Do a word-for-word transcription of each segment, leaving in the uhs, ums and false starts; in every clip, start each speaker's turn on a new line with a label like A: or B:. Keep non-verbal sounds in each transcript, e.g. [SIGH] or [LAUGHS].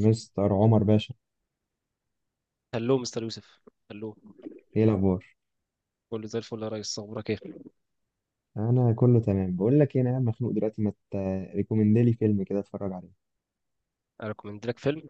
A: مستر عمر باشا،
B: هلو مستر يوسف، هلو.
A: ايه الاخبار؟
B: كله زي الفل يا ريس، اخبارك ايه؟
A: انا كله تمام. بقول لك ايه، انا قاعد مخنوق دلوقتي، ما تريكومند لي فيلم كده اتفرج عليه؟
B: انا ريكومند لك فيلم.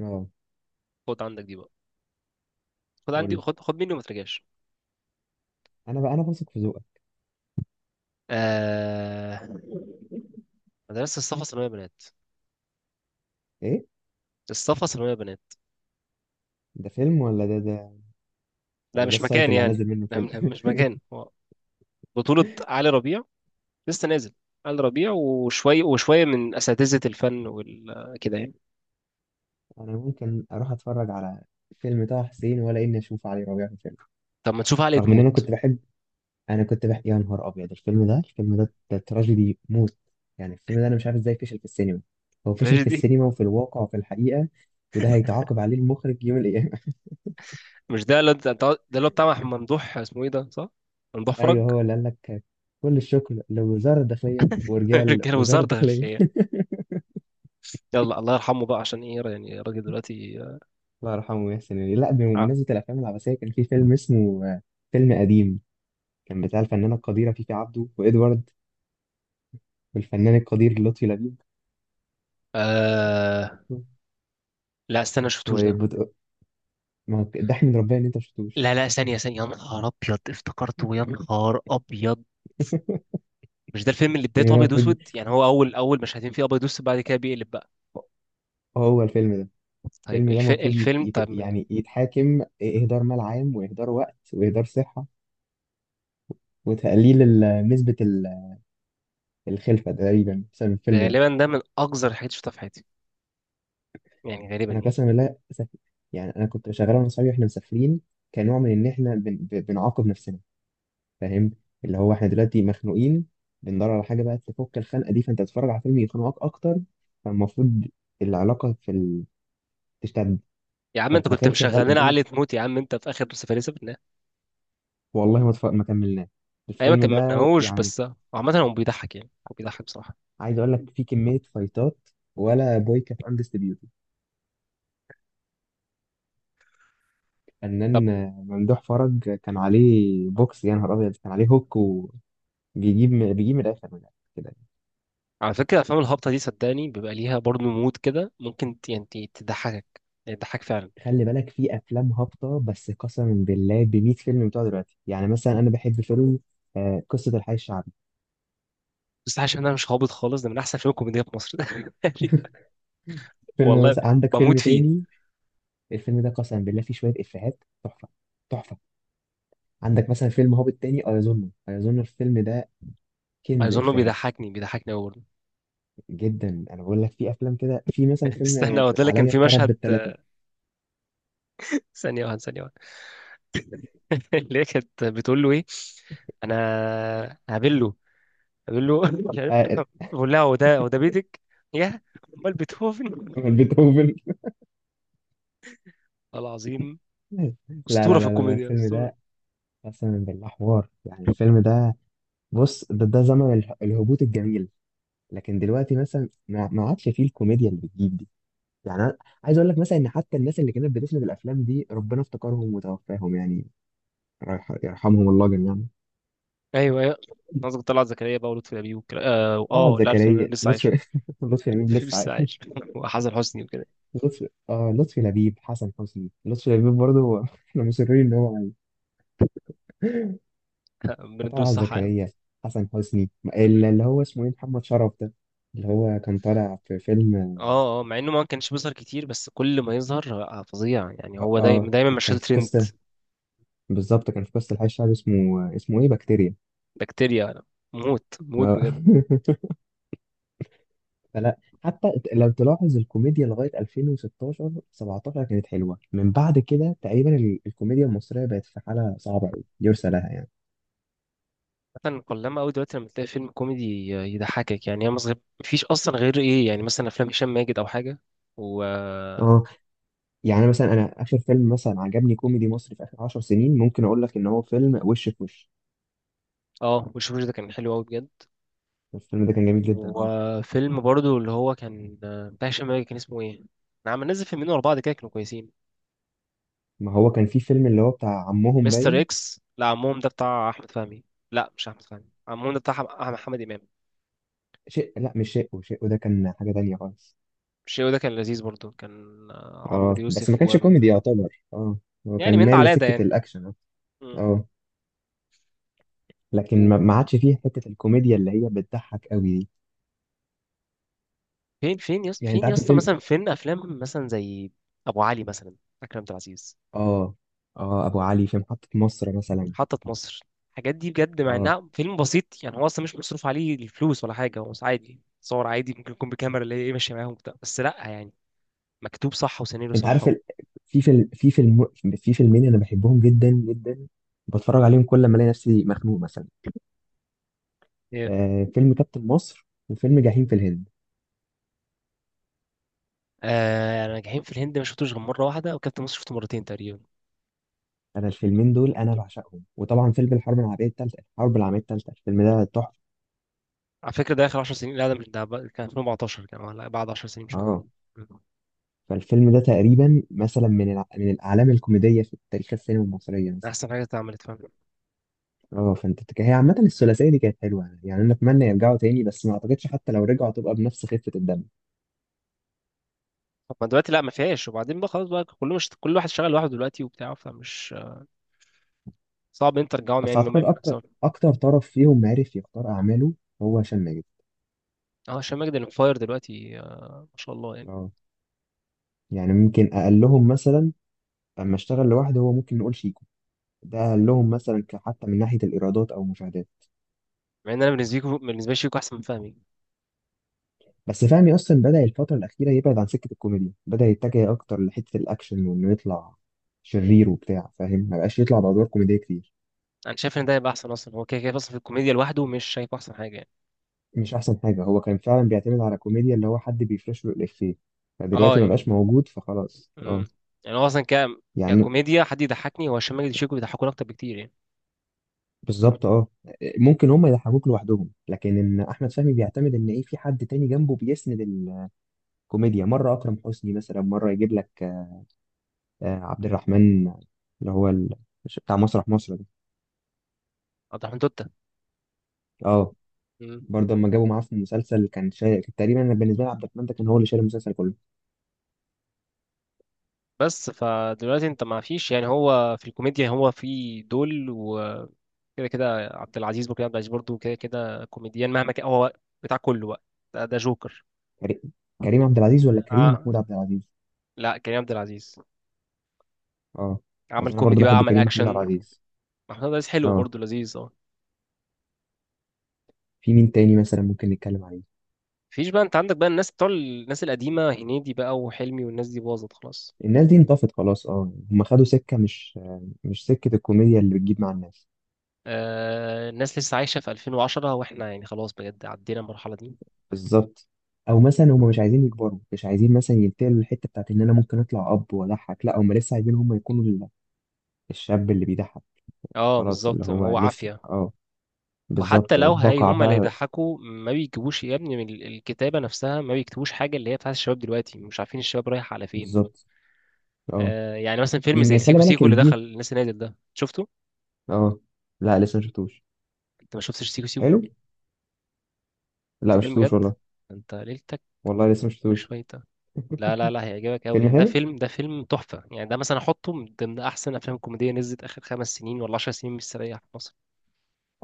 A: اه،
B: خد عندك دي بقى، خد
A: قول
B: عندي،
A: لي.
B: خد خد مني وما ترجعش.
A: انا بقى انا واثق في ذوقك.
B: آه... مدرسة الصفا ثانوية بنات.
A: ايه
B: الصفا ثانوية بنات.
A: ده، فيلم ولا ده ده؟
B: لا
A: ولا ده
B: مش
A: السايت
B: مكان
A: اللي
B: يعني.
A: هنزل منه
B: لا
A: فيلم؟
B: م- مش مكان هو. بطولة علي ربيع، لسه نازل. علي ربيع وشوية وشوية من أساتذة الفن وال كده يعني.
A: [LAUGHS] انا ممكن اروح اتفرج على فيلم طه حسين ولا اني اشوف علي ربيع في فيلم؟
B: طب ما نشوف علي
A: رغم ان انا
B: تموت.
A: كنت بحب انا كنت بحب يا نهار ابيض، الفيلم ده الفيلم ده ده تراجيدي موت. يعني الفيلم ده انا مش عارف ازاي فشل في السينما. هو فشل
B: ماشي
A: في
B: دي.
A: السينما وفي الواقع وفي الحقيقة. وده هيتعاقب عليه المخرج يوم الايام.
B: مش ده اللي انت- ده اللي هو بتاع ممدوح، اسمه ايه ده، صح؟ ممدوح
A: ايوه،
B: فرج.
A: هو اللي قال لك. كل الشكر لوزاره الداخليه
B: [LAUGHS]
A: ورجال
B: رجاله
A: وزاره
B: وزارة
A: الداخليه.
B: داخلية. يلا الله يرحمه بقى، عشان ايه يعني الراجل دلوقتي؟
A: [LAUGHS] الله يرحمه يحسن يعني. لا،
B: آه.
A: بمناسبه الافلام العباسيه كان في فيلم اسمه آه، فيلم قديم، كان بتاع الفنانه القديره فيفي عبده وادوارد والفنان القدير لطفي لبيب
B: آه. لا استنى، شفتوش ده؟
A: وبت... ما هو ضحك من ربنا ان انت ما
B: لا
A: شفتوش.
B: لا، ثانية ثانية يا نهار أبيض، افتكرته يا نهار أبيض. مش ده الفيلم اللي
A: الفيلم
B: بدايته
A: ده
B: أبيض
A: المفروض
B: وأسود؟ يعني هو أول أول مشهدين فيه أبيض وأسود، بعد كده بيقلب بقى.
A: هو الفيلم ده
B: طيب
A: الفيلم ده
B: الف...
A: المفروض يت...
B: الفيلم
A: يت...
B: طب يعني.
A: يعني يتحاكم، اهدار مال عام واهدار وقت واهدار صحه وتقليل ال- نسبه ال- الخلفه تقريبا بسبب الفيلم ده.
B: غالبا ده من أقذر الحاجات اللي شفتها في حياتي، يعني غالبا
A: انا
B: يعني.
A: قسما بالله سف... يعني انا كنت شغال انا وصحابي واحنا مسافرين، كنوع من ان احنا بن... ب- بنعاقب نفسنا، فاهم؟ اللي هو احنا دلوقتي مخنوقين، بندور على حاجه بقى تفك الخنقه دي، فانت تتفرج على فيلم يخنقك اكتر. فالمفروض العلاقه في ال... تشتد،
B: يا عم
A: فانت
B: أنت كنت
A: تخيل شغال
B: مشغل لنا علي
A: قدامك.
B: تموت، يا عم أنت في آخر سفلسفة.
A: والله ما, تف... ما كملناه
B: أيام ما
A: الفيلم ده،
B: كملناهوش
A: يعني.
B: بس. عامة هو بيضحك، يعني هو بيضحك بصراحة.
A: عايز اقول لك فيه كميه فايتات، ولا بوي كانت اندستريبيوتد.
B: طب
A: فنان ممدوح فرج كان عليه بوكس، يا نهار ابيض، كان عليه هوك وبيجيب. بيجيب من الاخر من الآخر كده.
B: على فكرة الأفلام الهابطة دي صدقني بيبقى ليها برضه مود كده، ممكن ت- يعني ت- تضحكك، يعني تضحك فعلا.
A: خلي بالك، في افلام هابطه، بس قسما بالله ب مائة فيلم بتوع دلوقتي. يعني مثلا انا بحب فيلم آه، قصه الحي الشعبي.
B: بس عشان أنا مش هابط خالص، ده من أحسن الأفلام الكوميدية في مصر. [LAUGHS]
A: فيلم
B: والله
A: مثلا، عندك
B: بموت
A: فيلم
B: فيه.
A: تاني. الفيلم ده قسما بالله فيه شويه افيهات، تحفه تحفه. عندك مثلا فيلم هابط تاني، ايظن ايظن الفيلم ده كنز
B: أظنه
A: افيهات،
B: بيضحكني بيضحكني أوي برضه.
A: جدا. انا بقول لك في افلام كده، في مثلا
B: [LAUGHS]
A: فيلم
B: استنى،
A: آه،
B: هو ده اللي كان
A: عليا
B: في
A: الطرب
B: مشهد.
A: بالثلاثه.
B: ثانية واحدة، ثانية واحدة. [LAUGHS] اللي هي كانت بتقول له إيه؟ أنا هقابله هقابله. [LAUGHS] مش عارف. بقول لها هو ده هو ده بيتك يا، أمال بيتهوفن؟
A: بيتهوفن.
B: والله العظيم.
A: [LAUGHS] لا، لا،
B: أسطورة
A: لا،
B: في
A: لا، لا،
B: الكوميديا،
A: الفيلم
B: أسطورة.
A: ده قسما بالله حوار، يعني. الفيلم ده، بص، ده, ده زمن اله- الهبوط الجميل. لكن دلوقتي مثلا ما ما عادش فيه الكوميديا اللي بتجيب دي. يعني انا عايز اقول لك مثلا ان حتى الناس اللي كانت بتسند الافلام دي ربنا افتكرهم وتوفاهم، يعني رايح يرحمهم الله جميعا.
B: ايوه ايوه، قصدك طلعت زكريا بقى ولطفي لبيب والكلام، اه.
A: طلعت
B: آه، لا لطفي لبيب
A: زكريا،
B: لسه عايش.
A: لطفي. [LAUGHS] لطفي لبيب
B: [LAUGHS]
A: لسه
B: لسه عايش.
A: عايش.
B: [LAUGHS] وحسن حسني وكده.
A: لطفي اه لطفي لبيب، حسن حسني، لطفي لبيب برضه هو- [LAUGHS] احنا مصرين ان هو عايش.
B: [LAUGHS] من الدول
A: طلعت
B: الصح يا عم.
A: زكريا، حسن حسني، ال- اللي هو اسمه ايه، محمد شرف ده، اللي هو كان طالع في فيلم.
B: اه اه، مع انه ما كانش بيظهر كتير بس كل ما يظهر آه، فظيع يعني،
A: اه،
B: هو دايما
A: آه.
B: دايما مشهد
A: كان في
B: ترند.
A: قصة بالظبط، كان في قصة الحي الشعبي، اسمه اسمه ايه، بكتيريا.
B: بكتيريا. موت موت
A: آه.
B: بجد.
A: [LAUGHS] فلا، حتى لو تلاحظ، الكوميديا لغايه ألفين وستاشر سبعتاشر كانت حلوه، من بعد كده تقريبا ال- الكوميديا المصريه بقت في حاله صعبه قوي يرثى لها، يعني.
B: مثلا قلما قوي دلوقتي لما تلاقي فيلم كوميدي يضحكك، يعني انا صغير مفيش اصلا غير ايه، يعني مثلا افلام هشام ماجد او حاجه و
A: اه، يعني مثلا انا اخر فيلم مثلا عجبني كوميدي مصري في اخر 10 سنين ممكن اقول لك ان هو فيلم وش في وش.
B: اه، وشوف ده كان حلو قوي بجد.
A: الفيلم ده كان جميل جدا،
B: هو
A: اه.
B: فيلم برضو اللي هو كان آه، بتاع هشام ماجد، كان اسمه ايه؟ انا عم نزل فيلمين ورا بعض كده، كانوا كويسين.
A: ما هو كان في فيلم، اللي هو بتاع عمهم
B: مستر
A: باين.
B: اكس. لا عمهم ده بتاع احمد فهمي. لا مش احمد فهمي، عمهم ده بتاع أحم- أحمد محمد امام.
A: شيء. لا، مش شيء. شيء ده كان حاجه تانية خالص.
B: الشيء ده كان لذيذ برضو، كان آه، عمرو
A: اه بس ما
B: يوسف
A: كانش
B: و
A: كوميدي يعتبر، اه، هو
B: يعني
A: كان
B: من ده
A: مايل
B: على ده
A: لسكه
B: يعني.
A: الاكشن، اه.
B: مم.
A: آه. لكن
B: و-
A: ما ما عادش فيه حته الكوميديا اللي هي بتضحك قوي دي.
B: فين فين يس...
A: يعني انت
B: فين يا
A: عارف
B: اسطى،
A: الفيلم.
B: مثلا فين افلام مثلا زي ابو علي مثلا، اكرم عبد العزيز.
A: اه، اه، ابو علي في محطه مصر مثلا.
B: محطة مصر. الحاجات دي بجد مع
A: اه،
B: انها فيلم بسيط، يعني هو اصلا مش مصروف عليه الفلوس ولا حاجة، هو عادي صور عادي، ممكن يكون بكاميرا اللي هي ايه ماشية معاهم وبتاع، بس لا يعني مكتوب صح وسيناريو
A: انت
B: صح
A: عارف
B: و...
A: ال... في فيلم في فيلم في فيلمين انا بحبهم جدا جدا، بتفرج عليهم كل ما الاقي نفسي مخنوق مثلا.
B: ايه.
A: آه فيلم كابتن مصر وفيلم جحيم في الهند.
B: آه، ناجحين في الهند ما شفتوش غير مرة واحدة، وكابتن مصر شفته مرتين تقريبا.
A: انا الفيلمين دول انا بعشقهم. وطبعا فيلم الحرب العالميه الثالثه، الحرب العالميه الثالثه، الفيلم ده تحفه،
B: على فكرة ده آخر 10 سنين، لا ده مش ده بقى- كان ألفين وأربعتاشر، كان ولا بعد 10 سنين شوية.
A: اه.
B: مم.
A: فالفيلم ده تقريبا مثلا من الع... من الاعلام الكوميديه في تاريخ السينما المصريه،
B: ده
A: مثلا.
B: أحسن حاجة اتعملت، فاهم؟
A: اه، فانت بتك- هي عامة الثلاثية دي كانت حلوة، يعني يعني انا اتمنى يرجعوا تاني، بس ما اعتقدش حتى لو رجعوا تبقى بنفس خفة الدم.
B: طب ما دلوقتي لا ما فيهاش، وبعدين بقى خلاص بقى كله، مش كل واحد شغال لوحده دلوقتي وبتاع، فمش صعب إن أنت ترجعهم،
A: بس
B: يعني إن هم
A: اعتقد
B: يعملوا حاجة
A: اكتر
B: سوا.
A: اكتر طرف فيهم عرف يختار اعماله هو هشام ماجد.
B: اه، هشام ماجد اللي فاير دلوقتي، آه ما شاء الله يعني.
A: اه، يعني ممكن اقلهم مثلا، اما اشتغل لوحده هو، ممكن نقول شيكو. ده اقلهم مثلا، ك- حتى من ناحية الايرادات او المشاهدات.
B: مع ان انا بالنسبه لي بالنسبه لي شيكو احسن من فهمي.
A: بس فهمي اصلا بدأ الفترة الأخيرة يبعد عن سكة الكوميديا، بدأ يتجه اكتر لحتة الاكشن وانه يطلع شرير وبتاع، فاهم؟ ما بقاش يطلع بأدوار كوميدية كتير.
B: انا شايف ان ده هيبقى احسن، اصلا هو كده كده اصلا في الكوميديا لوحده مش شايفه احسن حاجه يعني.
A: مش احسن حاجه، هو كان فعلا بيعتمد على كوميديا اللي هو حد بيفرش له الافيه،
B: اه
A: فدلوقتي ما بقاش
B: يعني.
A: موجود فخلاص، اه.
B: امم يعني هو اصلا ك
A: يعني.
B: ككوميديا، حد يضحكني هو هشام ماجد وشيكو، بيضحكوني اكتر بكتير يعني.
A: بالظبط، اه. ممكن هم يضحكوك لوحدهم، لكن ان احمد فهمي بيعتمد ان ايه، في حد تاني جنبه بيسند الكوميديا، مره اكرم حسني مثلا، مره يجيب لك آه، عبد الرحمن، اللي هو ال- بتاع مسرح مصر ده.
B: اضحك من توتة.
A: اه،
B: مم.
A: برضه اما جابوا معاه في المسلسل كان شايل تقريبا. أنا بالنسبه لي عبد الرحمن ده كان هو اللي شايل المسلسل كله.
B: بس فدلوقتي انت ما فيش، يعني هو في الكوميديا هو في دول و كده كده عبد العزيز وكريم عبد العزيز برضه، كده كده كوميديان مهما كان، هو بتاع كله بقى. ده, ده جوكر.
A: كريم كريم عبد العزيز ولا كريم
B: آه.
A: محمود عبد العزيز؟
B: لا، كريم عبد العزيز.
A: اه،
B: عمل
A: اصل انا برضه
B: كوميدي بقى
A: بحب
B: عمل
A: كريم محمود عبد
B: اكشن.
A: العزيز.
B: محمود عزيز حلو
A: اه،
B: برضه، لذيذ اه.
A: في مين تاني مثلا ممكن نتكلم عليه؟
B: مفيش بقى، انت عندك بقى الناس بتوع الناس القديمه، هنيدي بقى وحلمي والناس دي باظت خلاص.
A: الناس دي انطفت خلاص، اه، هم خدوا سكة مش مش سكة الكوميديا اللي بتجيب مع الناس.
B: آه الناس لسه عايشه في ألفين وعشرة، واحنا يعني خلاص بجد عدينا المرحله دي.
A: بالظبط. او مثلا هم مش عايزين يكبروا، مش عايزين مثلا ينتقلوا للحتة بتاعت ان انا ممكن اطلع اب واضحك، لا، هم لسه عايزين هم يكونوا ال- الشاب اللي بيضحك.
B: اه
A: خلاص، اللي
B: بالظبط،
A: هو
B: هو
A: لسه،
B: عافيه.
A: اه،
B: وحتى
A: بالظبط،
B: لو هي
A: بقع
B: هما اللي
A: بقى.
B: يضحكوا ما بيجيبوش يا ابني من ال- الكتابه نفسها، ما بيكتبوش حاجه اللي هي بتاعت الشباب دلوقتي، مش عارفين الشباب رايح على فين.
A: بالظبط، اه.
B: آه يعني مثلا فيلم زي
A: يمكن خلي
B: سيكو
A: بالك
B: سيكو اللي دخل
A: الجيل.
B: الناس اللي نازل ده، شفته؟
A: اه، لا، لسه ما شفتوش.
B: انت ما شفتش سيكو
A: حلو.
B: سيكو؟
A: لا، ما
B: انت كلمه
A: شفتوش
B: بجد،
A: والله.
B: انت ليلتك
A: والله لسه ما شفتوش.
B: مش شويه. لا لا لا، هيعجبك قوي
A: فيلم
B: يعني، ده
A: حلو.
B: فيلم ده فيلم تحفة يعني ده مثلا احطه من ضمن احسن افلام كوميدية نزلت اخر خمس سنين ولا عشر سنين مستريح في مصر.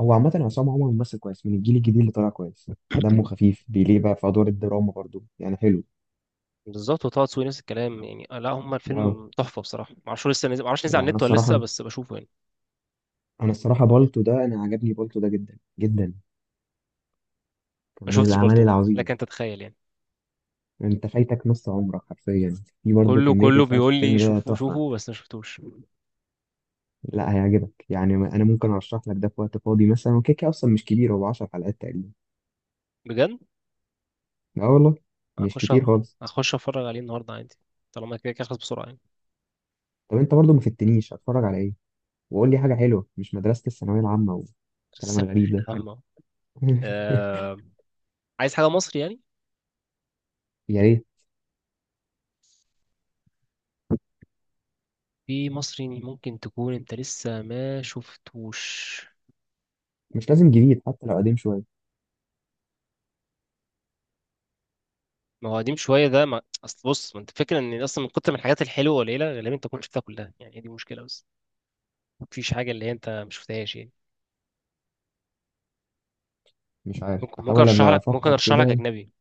A: هو عامة عصام عمر ممثل كويس من الجيل الجديد اللي طالع كويس، دمه خفيف، بيليه بقى في أدوار الدراما برضو، يعني حلو.
B: بالظبط، وطه دسوقي نفس الكلام يعني. آه، لا هما
A: اه،
B: الفيلم تحفة بصراحة، معرفش هو لسه نزل، معرفش نزل
A: يعني
B: على
A: أنا
B: النت ولا لسه،
A: الصراحة
B: بس بشوفه يعني.
A: أنا الصراحة بالتو ده، أنا عجبني بالتو ده جدا جدا، كان
B: ما
A: من
B: شفتش
A: الأعمال
B: بالطو،
A: العظيمة.
B: لكن تتخيل يعني.
A: أنت فايتك نص عمرك حرفيا، في برضو
B: كله
A: كمية
B: كله
A: إفيهات في
B: بيقول لي
A: الفيلم ده،
B: شوفوه
A: تحفة.
B: شوفوه، بس ما شفتوش.
A: لا، هيعجبك، يعني أنا ممكن أرشح لك ده في وقت فاضي مثلا، وكيكة أصلا مش كبير، هو 10 حلقات تقريبا.
B: بجد.
A: اه والله. مش
B: هخش
A: كتير
B: أ-
A: خالص.
B: هخش اتفرج عليه النهارده عادي. طالما كده كده خلص بسرعة يعني.
A: طب أنت برضو ما فتنيش، هتفرج على إيه؟ وقول لي حاجة حلوة، مش مدرسة الثانوية العامة
B: [LAUGHS] بس-
A: والكلام الغريب ده.
B: أما.
A: [LAUGHS]
B: آه... عايز حاجة مصري يعني.
A: يا ريت.
B: في مصري ممكن تكون انت لسه ما شفتوش؟
A: مش لازم جديد، حتى لو قديم شوية.
B: ما هو قديم شويه ده ما... اصل بص، ما انت فكره ان اصلا من كتر من الحاجات الحلوه قليله، غالبا انت تكون شفتها كلها يعني، هي دي مشكله بس مفيش حاجه اللي هي انت ما شفتهاش يعني.
A: مش عارف،
B: ممكن ممكن
A: بحاول
B: ارشح
A: أبقى
B: لك ممكن
A: أفكر
B: ارشح لك
A: كده.
B: اجنبي.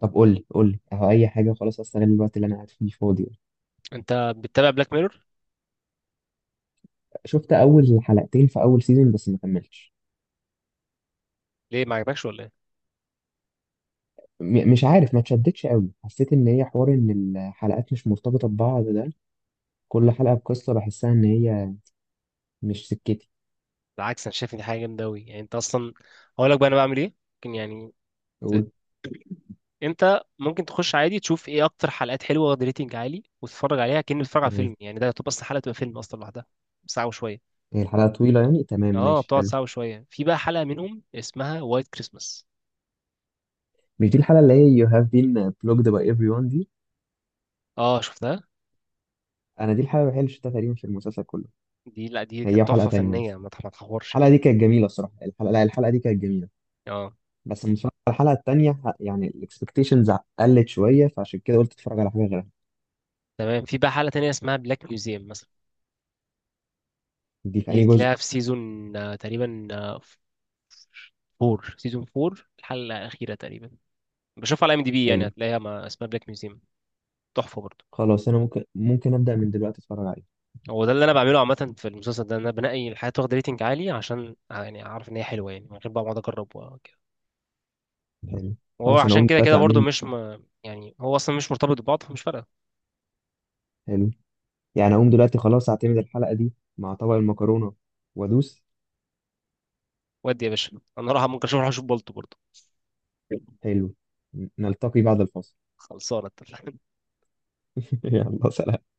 A: طب قول لي، قول لي، أهو أي حاجة خلاص، أستغل الوقت اللي أنا قاعد فيه فاضي.
B: انت بتتابع بلاك ميرور؟
A: شفت أول حلقتين في أول سيزون بس ما كملتش.
B: ليه، ما عجبكش ولا ايه؟
A: م- مش عارف، ما اتشدتش قوي، حسيت إن هي حوار إن الحلقات مش مرتبطة ببعض ده، كل حلقة بقصة، بحسها إن هي مش سكتي.
B: بالعكس، انا شايف ان دي حاجه جامده قوي يعني، انت اصلا هقول لك بقى انا بعمل ايه ممكن يعني. ت-
A: أقول.
B: انت ممكن تخش عادي تشوف ايه اكتر حلقات حلوه واخد ريتنج عالي، وتتفرج عليها كأنك بتتفرج على
A: تمام،
B: فيلم، يعني ده يعتبر اصلا حلقه تبقى فيلم اصلا لوحدها. ساعه وشويه.
A: هي الحلقة طويلة يعني؟ تمام،
B: اه
A: ماشي،
B: بتقعد
A: حلو.
B: ساعة وشوية، في بقى حلقة منهم اسمها وايت كريسماس.
A: مش دي الحلقة اللي هي you have been blocked by everyone دي؟
B: اه شفتها.
A: أنا دي الحلقة الوحيدة اللي شفتها تقريبا في المسلسل كله.
B: دي، لا دي
A: هي
B: كانت
A: وحلقة
B: تحفة
A: تانية بس.
B: فنية، ما تح- ما تحورش
A: الحلقه
B: يعني.
A: دي كانت جميله، الصراحه. الحلقه، لا، الحلقه دي كانت جميله.
B: اه
A: بس لما اتفرجت على الحلقه التانيه ح- يعني الاكسبكتيشنز قلت شويه، فعشان كده قلت اتفرج على حاجه غيرها.
B: تمام، في بقى حلقة تانية اسمها بلاك ميوزيوم مثلا.
A: دي في
B: دي
A: اي جزء؟
B: تلاقيها في سيزون آه، تقريبا آه، فور، سيزون فور الحلقة الأخيرة تقريبا. بشوفها على ام دي بي يعني،
A: حلو.
B: هتلاقيها، ما اسمها بلاك ميوزيوم. تحفة برضه.
A: خلاص انا ممكن ممكن ابدا من دلوقتي اتفرج عليه.
B: هو ده اللي أنا بعمله عامة في المسلسل ده، إن أنا بنقي الحاجات واخدة ريتنج عالي عشان آه، يعني أعرف إن هي حلوة، يعني من غير بقى ما أقعد أجرب وكده.
A: حلو.
B: وهو
A: خلاص انا
B: عشان
A: اقوم
B: كده كده
A: دلوقتي اعمل
B: برضه،
A: لي.
B: مش ما يعني هو أصلا مش مرتبط ببعض فمش فارقة.
A: حلو. يعني اقوم دلوقتي خلاص، اعتمد الحلقه دي مع طبق المكرونه وادوس.
B: ودي يا باشا، انا راح ممكن اشوف، اروح اشوف بولت برضه.
A: حلو. ن- نلتقي بعد الفاصل.
B: خلصانه، اتفقنا.
A: [LAUGHS] يلا سلام.